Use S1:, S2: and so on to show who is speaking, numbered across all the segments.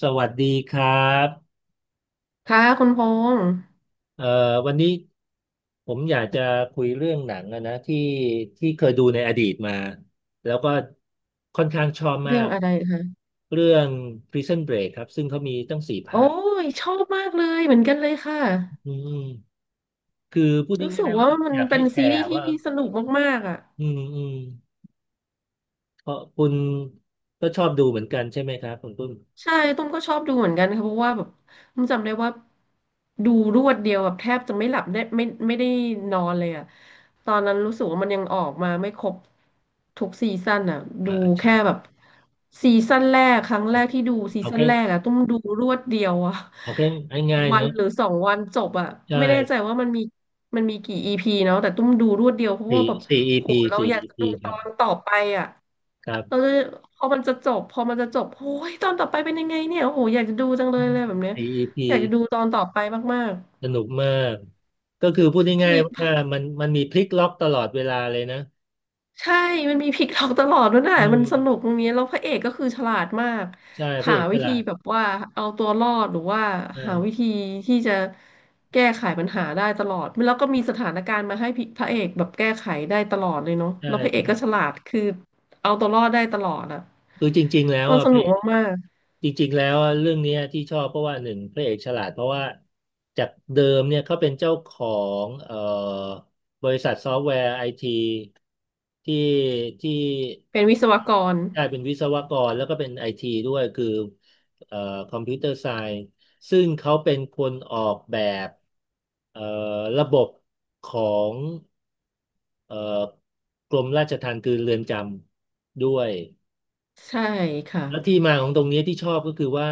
S1: สวัสดีครับ
S2: ค่ะคุณพงษ์
S1: เอ่อวันนี้ผมอยากจะคุยเรื่องหนังอะนะที่เคยดูในอดีตมาแล้วก็ค่อนข้างชอบมา
S2: เรื่อ
S1: ก
S2: งอะไรคะ
S1: เรื่อง Prison Break ครับซึ่งเขามีตั้งสี่
S2: โอ้
S1: ภาค
S2: ยชอบมากเลยเหมือนกันเลยค่ะ
S1: อืมคือพูด
S2: รู้สึ
S1: ง่า
S2: ก
S1: ยๆว่า
S2: ว่ามัน
S1: อยาก
S2: เป็
S1: ให้
S2: น
S1: แช
S2: ซีรี
S1: ร์
S2: ส์
S1: ว่า
S2: ที่สนุกมากๆอ่ะ
S1: อืมเพราะคุณก็ชอบดูเหมือนกันใช่ไหมครับคุณปุ้ม
S2: ใช่ตุ้มก็ชอบดูเหมือนกันค่ะเพราะว่าแบบตุ้มจำได้ว่าดูรวดเดียวแบบแทบจะไม่หลับได้ไม่ได้นอนเลยอ่ะตอนนั้นรู้สึกว่ามันยังออกมาไม่ครบทุกซีซั่นอ่ะดู
S1: อ่าใช่
S2: แค่แบบซีซั่นแรกครั้งแรกที่ดูซี
S1: เอา
S2: ซั่น
S1: แค่
S2: แรกอ่ะตุ้มดูรวดเดียวอ่ะ
S1: เอาแค่ง่ายๆ
S2: วั
S1: เน
S2: น
S1: อะ
S2: หรือสองวันจบอ่ะ
S1: ใช่
S2: ไม่แน่ใจว่ามันมีกี่อีพีเนาะแต่ตุ้มดูรวดเดียวเพราะว่าแบบ
S1: สี่
S2: โห
S1: EP
S2: เรา
S1: สี่
S2: อยาก
S1: อี
S2: จะ
S1: พี
S2: ดู
S1: ค
S2: ตอ
S1: รับ
S2: นต่อไปอ่ะ
S1: ครั
S2: เรา
S1: บ
S2: จะพอมันจะจบโอ้ยตอนต่อไปเป็นยังไงเนี่ยโอ้โหอยากจะดูจังเลยเลยแบบเนี้ย
S1: c e ีพี
S2: อยากจะดูตอนต่อไปมาก
S1: สนุกมาก ก็คือพูด
S2: ๆ
S1: ง่าย
S2: พี่
S1: ๆว่ามันมีพลิกล็อกตลอดเวลาเลยนะ
S2: ใช่มันมีพลิกล็อกตลอดด้วยนะ
S1: อื
S2: มันสนุ
S1: ม
S2: กตรงนี้แล้วพระเอกก็คือฉลาดมาก
S1: ใช่พระ
S2: หา
S1: เอกฉ
S2: วิธี
S1: ลาด
S2: แบบว่าเอาตัวรอดหรือว่า
S1: ใช่
S2: หาวิธีที่จะแก้ไขปัญหาได้ตลอดแล้วก็มีสถานการณ์มาให้พี่พระเอกแบบแก้ไขได้ตลอดเลยเนาะ
S1: ใช่
S2: แล้วพระเอก
S1: ใช่
S2: ก็ฉลาดคือเอาตัวรอดได้ตลอดอะ
S1: คือจริงๆแล้ว
S2: มัน
S1: อ่ะ
S2: ส
S1: พ
S2: นุ
S1: ระ
S2: ก
S1: เอก
S2: มาก
S1: จริงๆแล้วเรื่องเนี้ยที่ชอบเพราะว่าหนึ่งพระเอกฉลาดเพราะว่าจากเดิมเนี่ยเขาเป็นเจ้าของบริษัทซอฟต์แวร์ไอทีที่ที่
S2: ๆเป็นวิศวกร
S1: ได้เป็นวิศวกรแล้วก็เป็นไอทีด้วยคือเอ่อคอมพิวเตอร์ไซน์ซึ่งเขาเป็นคนออกแบบเอ่อระบบของเอ่อกรมราชทัณฑ์คือเรือนจำด้วย
S2: ใช่ค่ะ
S1: แล้วที่มาของตรงเนี้ยที่ชอบก็คือว่า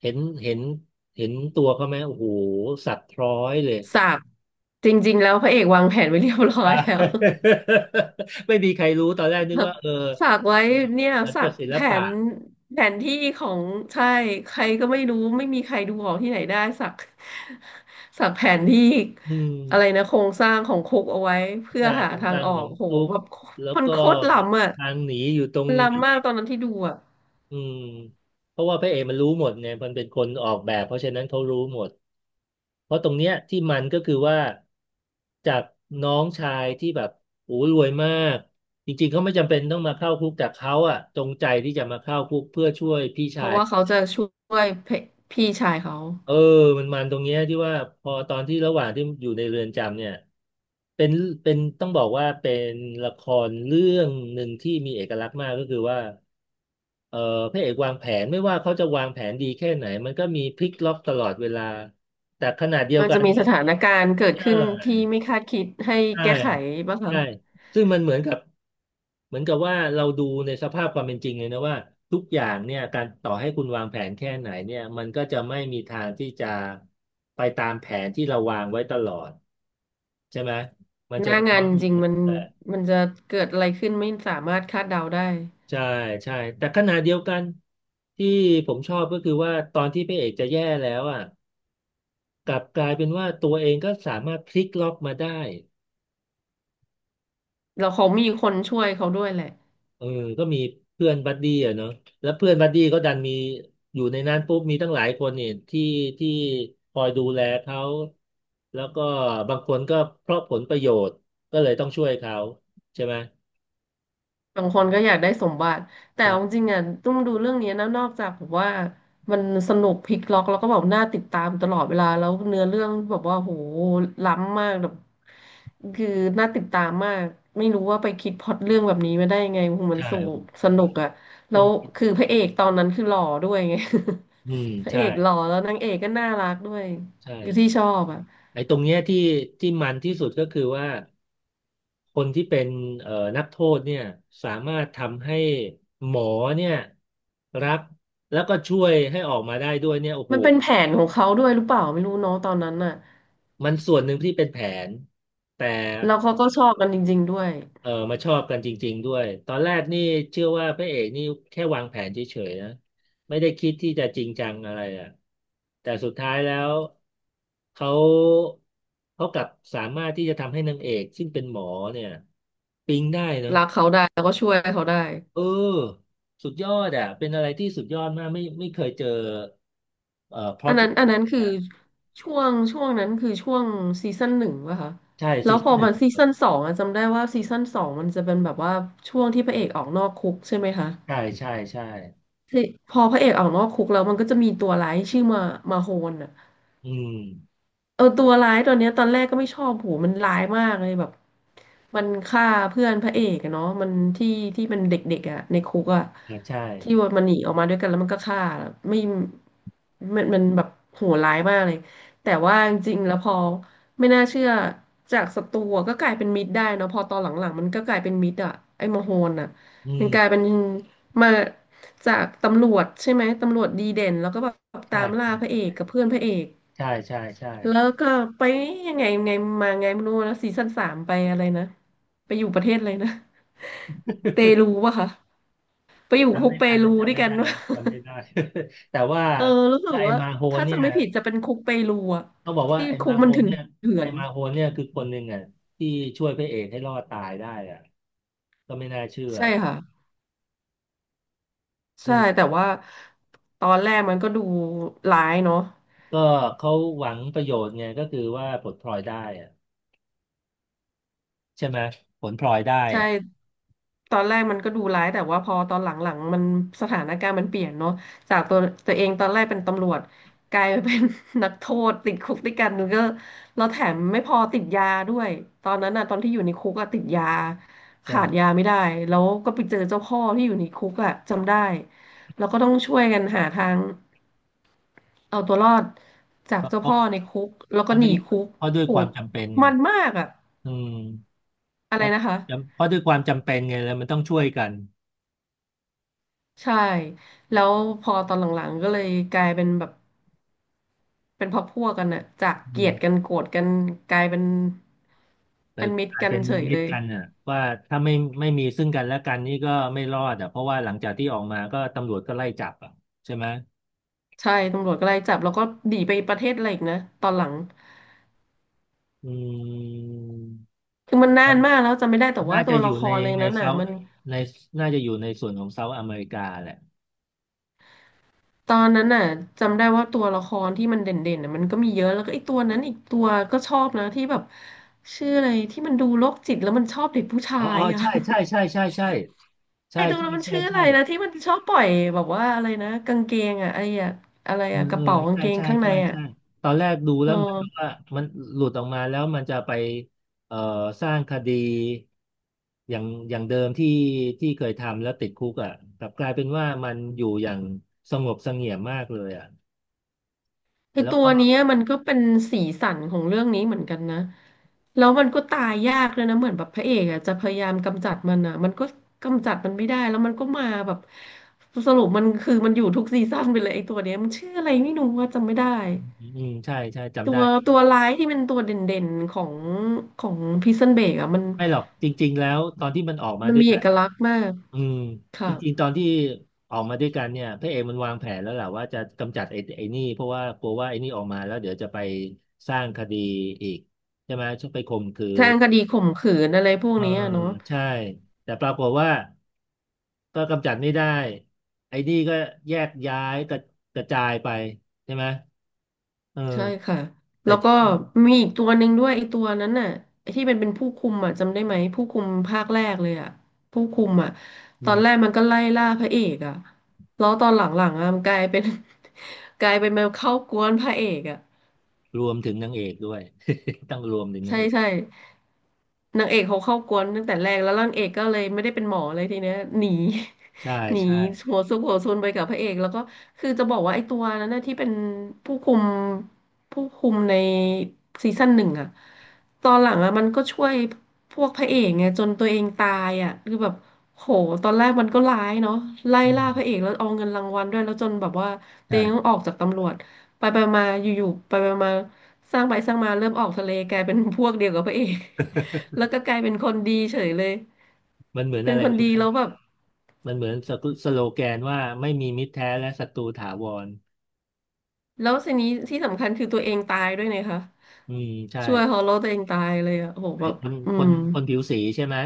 S1: เห็นเห็นเห็นตัวเขาไหมโอ้โหสัตว์พร้อยเลย
S2: สักจริงๆแล้วพระเอกวางแผนไว้เรียบร้อ
S1: อ่า
S2: ยแล้ว
S1: ไม่มีใครรู้ตอนแรกนึกว่า
S2: สักไว้
S1: เออ
S2: เนี่ย
S1: มัน
S2: สั
S1: กั
S2: ก
S1: บศิล
S2: แผ
S1: ปะ
S2: นแผนที่ของใช่ใครก็ไม่รู้ไม่มีใครดูออกที่ไหนได้สัก สักแผนที่
S1: อืม
S2: อะไรนะโครงสร้างของคุกเอาไว้เพื่อ
S1: ใช่
S2: หา
S1: ตรง
S2: ทา
S1: ก
S2: ง
S1: ลาง
S2: ออ
S1: ขอ
S2: ก
S1: ง
S2: โห
S1: ตุ๊ก
S2: แบบ
S1: แล้ว
S2: มัน
S1: ก็
S2: โคตรล้ำอ่ะ
S1: ทางหนีอยู่ตรง
S2: มัน
S1: ไหน
S2: ล้ำมากตอนนั้นที่ดูอ่ะ
S1: อืมเพราะว่าพระเอกมันรู้หมดไงมันเป็นคนออกแบบเพราะฉะนั้นเขารู้หมด เพราะตรงเนี้ยที่มันก็คือว่าจากน้องชายที่แบบโอ้รวยมากจริงๆเขาไม่จำเป็นต้องมาเข้าคุกแต่เขาอะจงใจที่จะมาเข้าคุกเพื่อช่วยพี่
S2: เพ
S1: ชา
S2: ราะ
S1: ย
S2: ว่าเขาจะช่วยพี่ชายเขา
S1: เออมันตรงเนี้ยที่ว่าพอตอนที่ระหว่างที่อยู่ในเรือนจำเนี่ยเป็นเป็นต้องบอกว่าเป็นละครเรื่องหนึ่งที่มีเอกลักษณ์มากก็คือว่าเออพระเอกวางแผนไม่ว่าเขาจะวางแผนดีแค่ไหนมันก็มีพลิกล็อกตลอดเวลาแต่ขณะเดียว
S2: มัน
S1: กั
S2: จะ
S1: น
S2: มีสถานการณ์เกิด
S1: ใช
S2: ขึ้นที่
S1: ่
S2: ไม่คาดคิดให้
S1: ใช่
S2: แก้ไขบ้างคะ
S1: ใช่ซึ่งมันเหมือนกับเหมือนกับว่าเราดูในสภาพความเป็นจริงเลยนะว่าทุกอย่างเนี่ยการต่อให้คุณวางแผนแค่ไหนเนี่ยมันก็จะไม่มีทางที่จะไปตามแผนที่เราวางไว้ตลอดใช่ไหมมัน
S2: ห
S1: จะ
S2: น้า
S1: สะ
S2: งา
S1: ท้อ
S2: น
S1: น
S2: จ
S1: อย่าง
S2: ริง
S1: นั้น
S2: มัน
S1: แต่
S2: มันจะเกิดอะไรขึ้นไม่สามารถคาดเดาได้
S1: ใช่ใช่แต่ขณะเดียวกันที่ผมชอบก็คือว่าตอนที่พระเอกจะแย่แล้วอ่ะกลับกลายเป็นว่าตัวเองก็สามารถพลิกล็อกมาได้
S2: เราเขามีคนช่วยเขาด้วยแหละ
S1: เออก็มีเพื่อนบัดดี้อะเนาะแล้วเพื่อนบัดดี้ก็ดันมีอยู่ในนั้นปุ๊บมีตั้งหลายคนเนี่ยที่คอยดูแลเขา แล้วก็บางคนก็เพราะผลประโยชน์ก็เลยต้องช่วยเขาใช่ไหม
S2: บางคนก็อยากได้สมบัติแต่เอาจ
S1: ใช่
S2: ริงๆอ่ะต้องดูเรื่องนี้นะนอกจากแบบว่ามันสนุกพลิกล็อกแล้วก็แบบน่าติดตามตลอดเวลาแล้วเนื้อเรื่องแบบว่าโหล้ำมากแบบคือน่าติดตามมากไม่รู้ว่าไปคิดพล็อตเรื่องแบบนี้มาได้ยังไงโหมัน
S1: ใช่
S2: สูสนุกอ่ะแล้
S1: ต้อง
S2: ว
S1: คิด
S2: คือพระเอกตอนนั้นคือหล่อด้วยไง
S1: อืม
S2: พระ
S1: ใช่
S2: เอกหล่อแล้วนางเอกก็น่ารักด้วย
S1: ใช
S2: อยู่ที่
S1: ่
S2: ชอบอ่ะ
S1: ไอ้ตรงเนี้ยที่มันที่สุดก็คือว่าคนที่เป็นนักโทษเนี่ยสามารถทำให้หมอเนี่ยรับแล้วก็ช่วยให้ออกมาได้ด้วยเนี่ยโอ้โห
S2: มันเป็นแผนของเขาด้วยหรือเปล่าไม่รู้เนาะตอนนั้นน่ะ
S1: มันส่วนหนึ่งที่เป็นแผนแต่
S2: แล้วเขาก็ชอบกันจริงๆด้วย
S1: เออมาชอบกันจริงๆด้วยตอนแรกนี่เชื่อว่าพระเอกนี่แค่วางแผนเฉยๆนะไม่ได้คิดที่จะจริงจังอะไรอ่ะแต่สุดท้ายแล้วเขาเขากลับสามารถที่จะทำให้นางเอกซึ่งเป็นหมอเนี่ยปิ๊งได้เนอะ
S2: รักเขาได้แล้วก็ช่วยเขาได้
S1: เออสุดยอดอ่ะเป็นอะไรที่สุดยอดมากไม่เคยเจอพล็อ
S2: อั
S1: ต
S2: นนั้นอันนั้นคือช่วงนั้นคือช่วงซีซั่นหนึ่งป่ะคะ
S1: ใช่ซี
S2: แล้วพ
S1: ซั่
S2: อ
S1: นหนึ่
S2: มั
S1: ง
S2: นซีซั่นสองอะจำได้ว่าซีซั่นสองมันจะเป็นแบบว่าช่วงที่พระเอกออกนอกคุกใช่ไหมคะ
S1: ใช่
S2: ที่พอพระเอกออกนอกคุกแล้วมันก็จะมีตัวร้ายชื่อมาโฮนอะ
S1: อืม
S2: เออตัวร้ายตัวเนี้ยตอนแรกก็ไม่ชอบโหมันร้ายมากเลยแบบมันฆ่าเพื่อนพระเอกอะเนาะมันที่ที่มันเด็กๆอะในคุกอะ
S1: ครับใช่
S2: ที่ว่ามันหนีออกมาด้วยกันแล้วมันก็ฆ่าไม่มันแบบโหดร้ายมากเลยแต่ว่าจริงๆแล้วพอไม่น่าเชื่อจากศัตรูอะก็กลายเป็นมิตรได้เนาะพอตอนหลังๆมันก็กลายเป็นมิตรอะไอ้มโหนอะ
S1: อื
S2: มันกลายเป็
S1: ม
S2: นมาจากตำรวจใช่ไหมตำรวจดีเด่นแล้วก็แบบตา
S1: ใช่
S2: มล่า
S1: ใช่
S2: พระเอกกับเพื่อนพระเอก
S1: ใช่
S2: แล้วก็ไปยังไงไงมาไงไม่รู้นะซีซั่นสามไปอะไรนะไปอยู่ประเทศอะไรนะเปรูป่ะคะไปอยู่คุกเปรูด้วยกันวะ
S1: จำไม่ได้ แต่ว่า
S2: เออรู้สึก
S1: ไอ้
S2: ว่า
S1: มาโฮน
S2: ถ้า
S1: เนี่
S2: จะ
S1: ย
S2: ไม่ผิดจะเป็นคุกเปรูอะ
S1: ต้องบอกว่า
S2: ที่คุกมันเถ
S1: นเนี่ย
S2: ื่อ
S1: ไอ้
S2: น
S1: มาโฮนเนี่ยคือคนหนึ่งอ่ะที่ช่วยพระเอกให้รอดตายได้อ่ะก็ไม่น่าเชื่อ
S2: ๆใช่ค่ะ
S1: อื
S2: ใช่
S1: ม
S2: แต่ว่าตอนแรกมันก็ดูร้ายเนาะ
S1: ก็เขาหวังประโยชน์ไงก็คือว่าผลพลอยได้อ่ะใช่ไหมผลพลอยได้
S2: ใช่
S1: อ่ะ
S2: ตอนแรกมันก็ดูร้ายแต่ว่าพอตอนหลังๆมันสถานการณ์มันเปลี่ยนเนาะจากตัวเองตอนแรกเป็นตำรวจกลายมาเป็น นักโทษติดคุกด้วยกันก็แล้วแถมไม่พอติดยาด้วยตอนนั้นน่ะตอนที่อยู่ในคุกอะติดยา
S1: ใช่
S2: ขาดยาไม่ได้แล้วก็ไปเจอเจ้าพ่อที่อยู่ในคุกอะจำได้แล้วก็ต้องช่วยกันหาทางเอาตัวรอดจาก
S1: ก็
S2: เจ้าพ่อในคุกแล้ว
S1: เพ
S2: ก็
S1: ราะ
S2: ห
S1: ด้ว
S2: นี
S1: ย
S2: คุก
S1: เพราะด้วย
S2: โห
S1: ความจำเป็นไง
S2: มันมากอะ
S1: อืม
S2: อะไรนะคะ
S1: เพราะด้วยความจำเป็นไงแล้วมันต้องช่วยกัน
S2: ใช่ แล้วพอตอนหลังๆก็เลยกลายเป็นแบบเป็นพักพวกกันอะจาก
S1: อื
S2: เกลียดกัน
S1: ม
S2: โกรธกันกลายเป็น
S1: แต่
S2: เป็นมิต
S1: ก
S2: ร
S1: ลาย
S2: กัน
S1: เป็น
S2: เฉย
S1: มิ
S2: เล
S1: ตร
S2: ย
S1: กันอ่ะว่าถ้าไม่ไม่มีซึ่งกันและกันนี่ก็ไม่รอดอ่ะเพราะว่าหลังจากที่ออกมาก็ตำรวจก็ไล่จับอ่ะใช่ไหม
S2: ใช่ตำรวจก็ไล่จับแล้วก็หนีไปประเทศอะไรอีกนะตอนหลัง
S1: อืม
S2: คือมันนา
S1: น่า
S2: นมากแล้วจำไม่ได้แต่ว่า
S1: น่า
S2: ตั
S1: จะ
S2: ว
S1: อยู่
S2: ละค
S1: ใน
S2: รใน
S1: ใน
S2: นั้นน่ะ
S1: เซา
S2: มัน
S1: ในน่าจะอยู่ในส่วนของเซาท์อเมริกาแหละ
S2: ตอนนั้นน่ะจำได้ว่าตัวละครที่มันเด่นๆน่ะมันก็มีเยอะแล้วก็ไอ้ตัวนั้นอีกตัวก็ชอบนะที่แบบชื่ออะไรที่มันดูโรคจิตแล้วมันชอบเด็กผู้ชา
S1: อ๋ออ๋
S2: ย
S1: อ
S2: อะ
S1: ใช่ใช่ใช่ใช่ใช่ใช่
S2: ไอ้ตรง
S1: ใช่
S2: นั้นมัน
S1: ใช่
S2: ชื่ออะไร
S1: ใช่
S2: นะที่มันชอบปล่อยแบบว่าอะไรนะกางเกงอะไอ้อะอะไร
S1: เออ
S2: อะก
S1: เอ
S2: ระ
S1: อ
S2: เป๋ากาง
S1: ใช่
S2: เกง
S1: ใช่
S2: ข้างใน
S1: ใช่
S2: อะ
S1: ใช่ตอนแรกดู
S2: เ
S1: แล้วเหมือนกับ
S2: ออ
S1: ว่ามันหลุดออกมาแล้วมันจะไปเอ่อสร้างคดีอย่างอย่างเดิมที่เคยทำแล้วติดคุกอ่ะกลับกลายเป็นว่ามันอยู่อย่างสงบเสงี่ยมมากเลยอ่ะ
S2: คือ
S1: แล้ว
S2: ตัว
S1: ก็
S2: เนี้ยมันก็เป็นสีสันของเรื่องนี้เหมือนกันนะแล้วมันก็ตายยากเลยนะเหมือนแบบพระเอกอะจะพยายามกำจัดมันอะมันก็กำจัดมันไม่ได้แล้วมันก็มาแบบสรุปมันคือมันอยู่ทุกซีซั่นไปเลยไอ้ตัวเนี้ยมันชื่ออะไรไม่รู้ว่าจำไม่ได้
S1: อืมใช่
S2: ตั
S1: จำได้
S2: วตัวร้ายที่เป็นตัวเด่นๆของของพิซซันเบกอะมัน
S1: ไม่หรอกจริงๆแล้วตอนที่มันออกมา
S2: มัน
S1: ด้วย
S2: มีเอ
S1: กัน
S2: กลักษณ์มาก
S1: อืมจ
S2: ค่ะ
S1: ริงๆตอนที่ออกมาด้วยกันเนี่ยพระเอกมันวางแผนแล้วแหละว่าจะกำจัดไอ้นี่เพราะว่ากลัวว่าไอ้นี่ออกมาแล้วเดี๋ยวจะไปสร้างคดีอีกใช่ไหมชอบไปข่มขื
S2: แทาง
S1: น
S2: คดีข่มขืนอะไรพวก
S1: เออ
S2: นี้อะเนาะ
S1: ใช่แต่ปรากฏว่าก็กำจัดไม่ได้ไอ้นี่ก็แยกย้ายกระจายไปใช่ไหมเออ
S2: ใช่ค่ะ
S1: แต่
S2: แล้วก็มีอีกตัวหนึ่งด้วยไอ้ตัวนั้นน่ะไอ้ที่เป็นผู้คุมอ่ะจำได้ไหมผู้คุมภาคแรกเลยอ่ะผู้คุมอ่ะ
S1: อื
S2: ตอน
S1: ม
S2: แรกมันก็ไล่ล่าพระเอกอ่ะแล้วตอนหลังๆอ่ะมันกลายเป็น กลายเป็นมาเข้ากวนพระเอกอ่ะ
S1: รวมถึงนางเอกด้วย ต้องรวมถึงนา
S2: ใช่
S1: งเอก
S2: ใช่ นางเอกเขาเข้ากวนตั้งแต่แรกแล้วนางเอกก็เลยไม่ได้เป็นหมอเลยทีเนี้ยหนี
S1: ใช่
S2: หนี
S1: ใช่
S2: หัวซุกหัวซนไปกับพระเอกแล้วก็คือจะบอกว่าไอ้ตัวนั้นนะที่เป็นผู้คุมผู้คุมในซีซั่น 1อะตอนหลังอะมันก็ช่วยพวกพระเอกไงจนตัวเองตายอะคือแบบโหตอนแรกมันก็ร้ายเนาะไล่
S1: อื
S2: ล่า
S1: ม
S2: พระเอกแล้วเอาเงินรางวัลด้วยแล้วจนแบบว่าตัวเองต้อง
S1: ใช่
S2: ออกจากตำรวจไปไปมาอยู่ๆไปไปมาสร้างไปสร้างมาเริ่มออกทะเลกลายเป็นพวกเดียวกับพระเอก แล้วก็กลายเป็นคนดีเฉยเลย
S1: มันเหมือน
S2: เป็น
S1: อะไร
S2: คน
S1: รู้ไห
S2: ดี
S1: ม
S2: แล้วแบบ
S1: มันเหมือนสกุสโลแกนว่าไม่มีมิตรแท้และศัตรูถาวร
S2: แล้วทีนี้ที่สำคัญคือตัวเองตายด้วยนะคะ
S1: อืมใช่
S2: ช่วยฮอลโลตัวเองตายเลยอะโอ้โหแบ
S1: ไอ้
S2: บ
S1: คน
S2: อื
S1: คน
S2: ม
S1: คนผิวสีใช่ไหม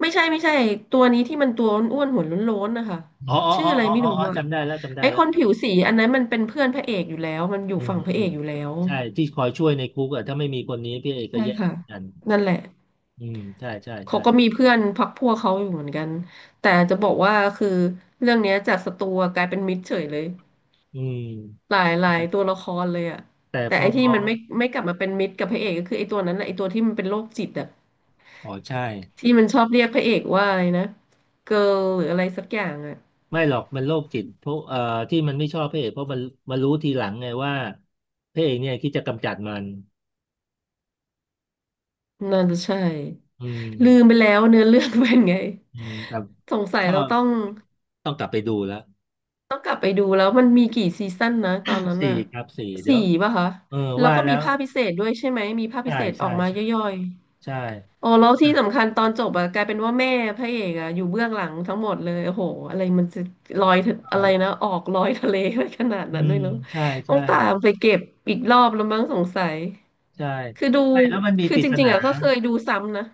S2: ไม่ใช่ตัวนี้ที่มันตัวอ้วนๆหัวโล้นๆนะคะ
S1: อ๋ออ๋อ
S2: ชื่อ
S1: อ๋อ
S2: อะไร
S1: อ๋อ
S2: ไม่
S1: อ๋อ
S2: รู้
S1: อ๋อ
S2: อะ
S1: จำได้แล้วจำได้
S2: ไอ้
S1: แล้
S2: ค
S1: ว
S2: นผิวสีอันนั้นมันเป็นเพื่อนพระเอกอยู่แล้วมันอยู่
S1: อืม
S2: ฝั่งพระ
S1: อื
S2: เอ
S1: ม
S2: กอยู่แล้ว
S1: ใช่ที่คอยช่วยในคุกอะถ้าไม่มีคนนี้พี่เอกก็
S2: ใช่
S1: แย่เห
S2: ค่ะ
S1: มือนกัน
S2: นั่นแหละ
S1: อืมใช่ใช่
S2: เขา
S1: ใช่
S2: ก็มีเพื่อนพรรคพวกเขาอยู่เหมือนกันแต่จะบอกว่าคือเรื่องเนี้ยจากศัตรูกลายเป็นมิตรเฉยเลย
S1: อืม
S2: หลายตัวละครเลยอะ
S1: แต่
S2: แต่
S1: พอ
S2: ไอ้ที่มันไม่กลับมาเป็นมิตรกับพระเอกก็คือไอ้ตัวนั้นแหละไอ้ตัวที่มันเป็นโรคจิตอะ
S1: อ๋อใช่
S2: ที่มันชอบเรียกพระเอกว่าอะไรนะเกิร์ลหรืออะไรสักอย่างอะ
S1: ไม่หรอกมันโรคจิตเพราะที่มันไม่ชอบพระเอกเพราะมันรู้ทีหลังไงว่าพระเอกเนี่ยคิดจะกำจัดมัน
S2: น่าจะใช่
S1: อืม
S2: ลืมไปแล้วเนื้อเรื่องเป็นไง
S1: อืมแต่
S2: สงสั
S1: ช
S2: ย
S1: อ
S2: เรา
S1: บ
S2: ต้อง
S1: ต้องกลับไปดูแล้ว
S2: ต้องกลับไปดูแล้วมันมีกี่ซีซั่นนะตอนนั้น
S1: สี่
S2: อะ
S1: ครับสี่เดี๋ย
S2: สี่
S1: ว
S2: ป่ะคะ
S1: เออ
S2: แล้ว
S1: ว่า
S2: ก็
S1: แล้
S2: มี
S1: ว
S2: ภาคพิเศษด้วยใช่ไหมมีภาคพิ
S1: ใช่
S2: เศษอ
S1: ใช่
S2: อกมา
S1: ใช่
S2: ย่อย
S1: ใช่
S2: ๆ อ๋อแล้ว
S1: อ่ะ
S2: ที่สำคัญตอนจบอะกลายเป็นว่าแม่พระเอกอะอยู่เบื้องหลังทั้งหมดเลยโอ้โหอะไรมันจะลอยทะ
S1: ก็อ
S2: อะไร
S1: เลย
S2: นะออกลอยทะเลไปขนาด
S1: อื
S2: นั้นด้ว
S1: ม
S2: ยเนาะ
S1: ใช่
S2: ต้อ
S1: ใช่
S2: งตามไปเก็บอีกรอบแล้วมั้งสงสัย
S1: ใช่
S2: คือดู
S1: ไม่แล้วมันมี
S2: คื
S1: ป
S2: อ
S1: ริ
S2: จ
S1: ศ
S2: ริง
S1: นา
S2: ๆอะก็เคยดูซ้ำนะ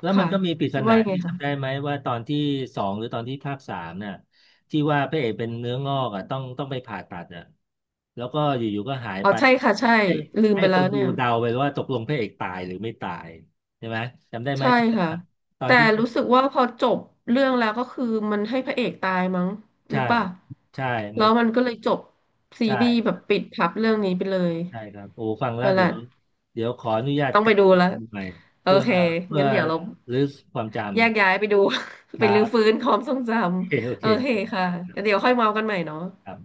S1: แล้วมัน
S2: ค่ะ
S1: ก็มีปริศนา
S2: ว่ายังไง
S1: ที่
S2: คะ
S1: จำได้ไหมว่าตอนที่สองหรือตอนที่ภาคสามน่ะที่ว่าพระเอกเป็นเนื้องอกอ่ะต้องไปผ่าตัดอ่ะแล้วก็อยู่ๆก็หาย
S2: อ๋อ
S1: ไป
S2: ใช่ค่ะใช่
S1: ให้
S2: ลืม
S1: ให้
S2: ไป
S1: ค
S2: แล้
S1: น
S2: ว
S1: ดู
S2: เนี่ย
S1: เดาไปว่าตกลงพระเอกตายหรือไม่ตายใช่ไหมจำได้ไหม
S2: ใช่
S1: ที่
S2: ค่ะ
S1: ว่าตอน
S2: แต่
S1: ที่
S2: รู้สึกว่าพอจบเรื่องแล้วก็คือมันให้พระเอกตายมั้งหรื
S1: ใช่
S2: อเปล่า
S1: ใช่
S2: แล้
S1: มัน
S2: วมันก็เลยจบซีรีส์แบ
S1: ใช่
S2: บปิดพับเรื่องนี้ไปเลย
S1: ใช่ครับโอ้ฟังแล้ว
S2: นั่นแห
S1: เดี๋ย
S2: ละ
S1: วเดี๋ยวขออนุญาต
S2: ต้อง
S1: ก
S2: ไป
S1: ลับ
S2: ดู
S1: ไป
S2: แล้ว
S1: ดูใหม่
S2: โอ
S1: เพื่อ
S2: เค
S1: เพื่อ
S2: งั้นเดี๋ยวเรา
S1: รื้อความจ
S2: แยกย้ายไป
S1: ำ
S2: ดู
S1: ค
S2: ไป
S1: รั
S2: รื้อ
S1: บ
S2: ฟื้นความทรงจ
S1: โอเคโอ
S2: ำ
S1: เค
S2: โอเคค่ะ งั้นเดี๋ยวค่อยเมากันใหม่เนาะ
S1: ครับ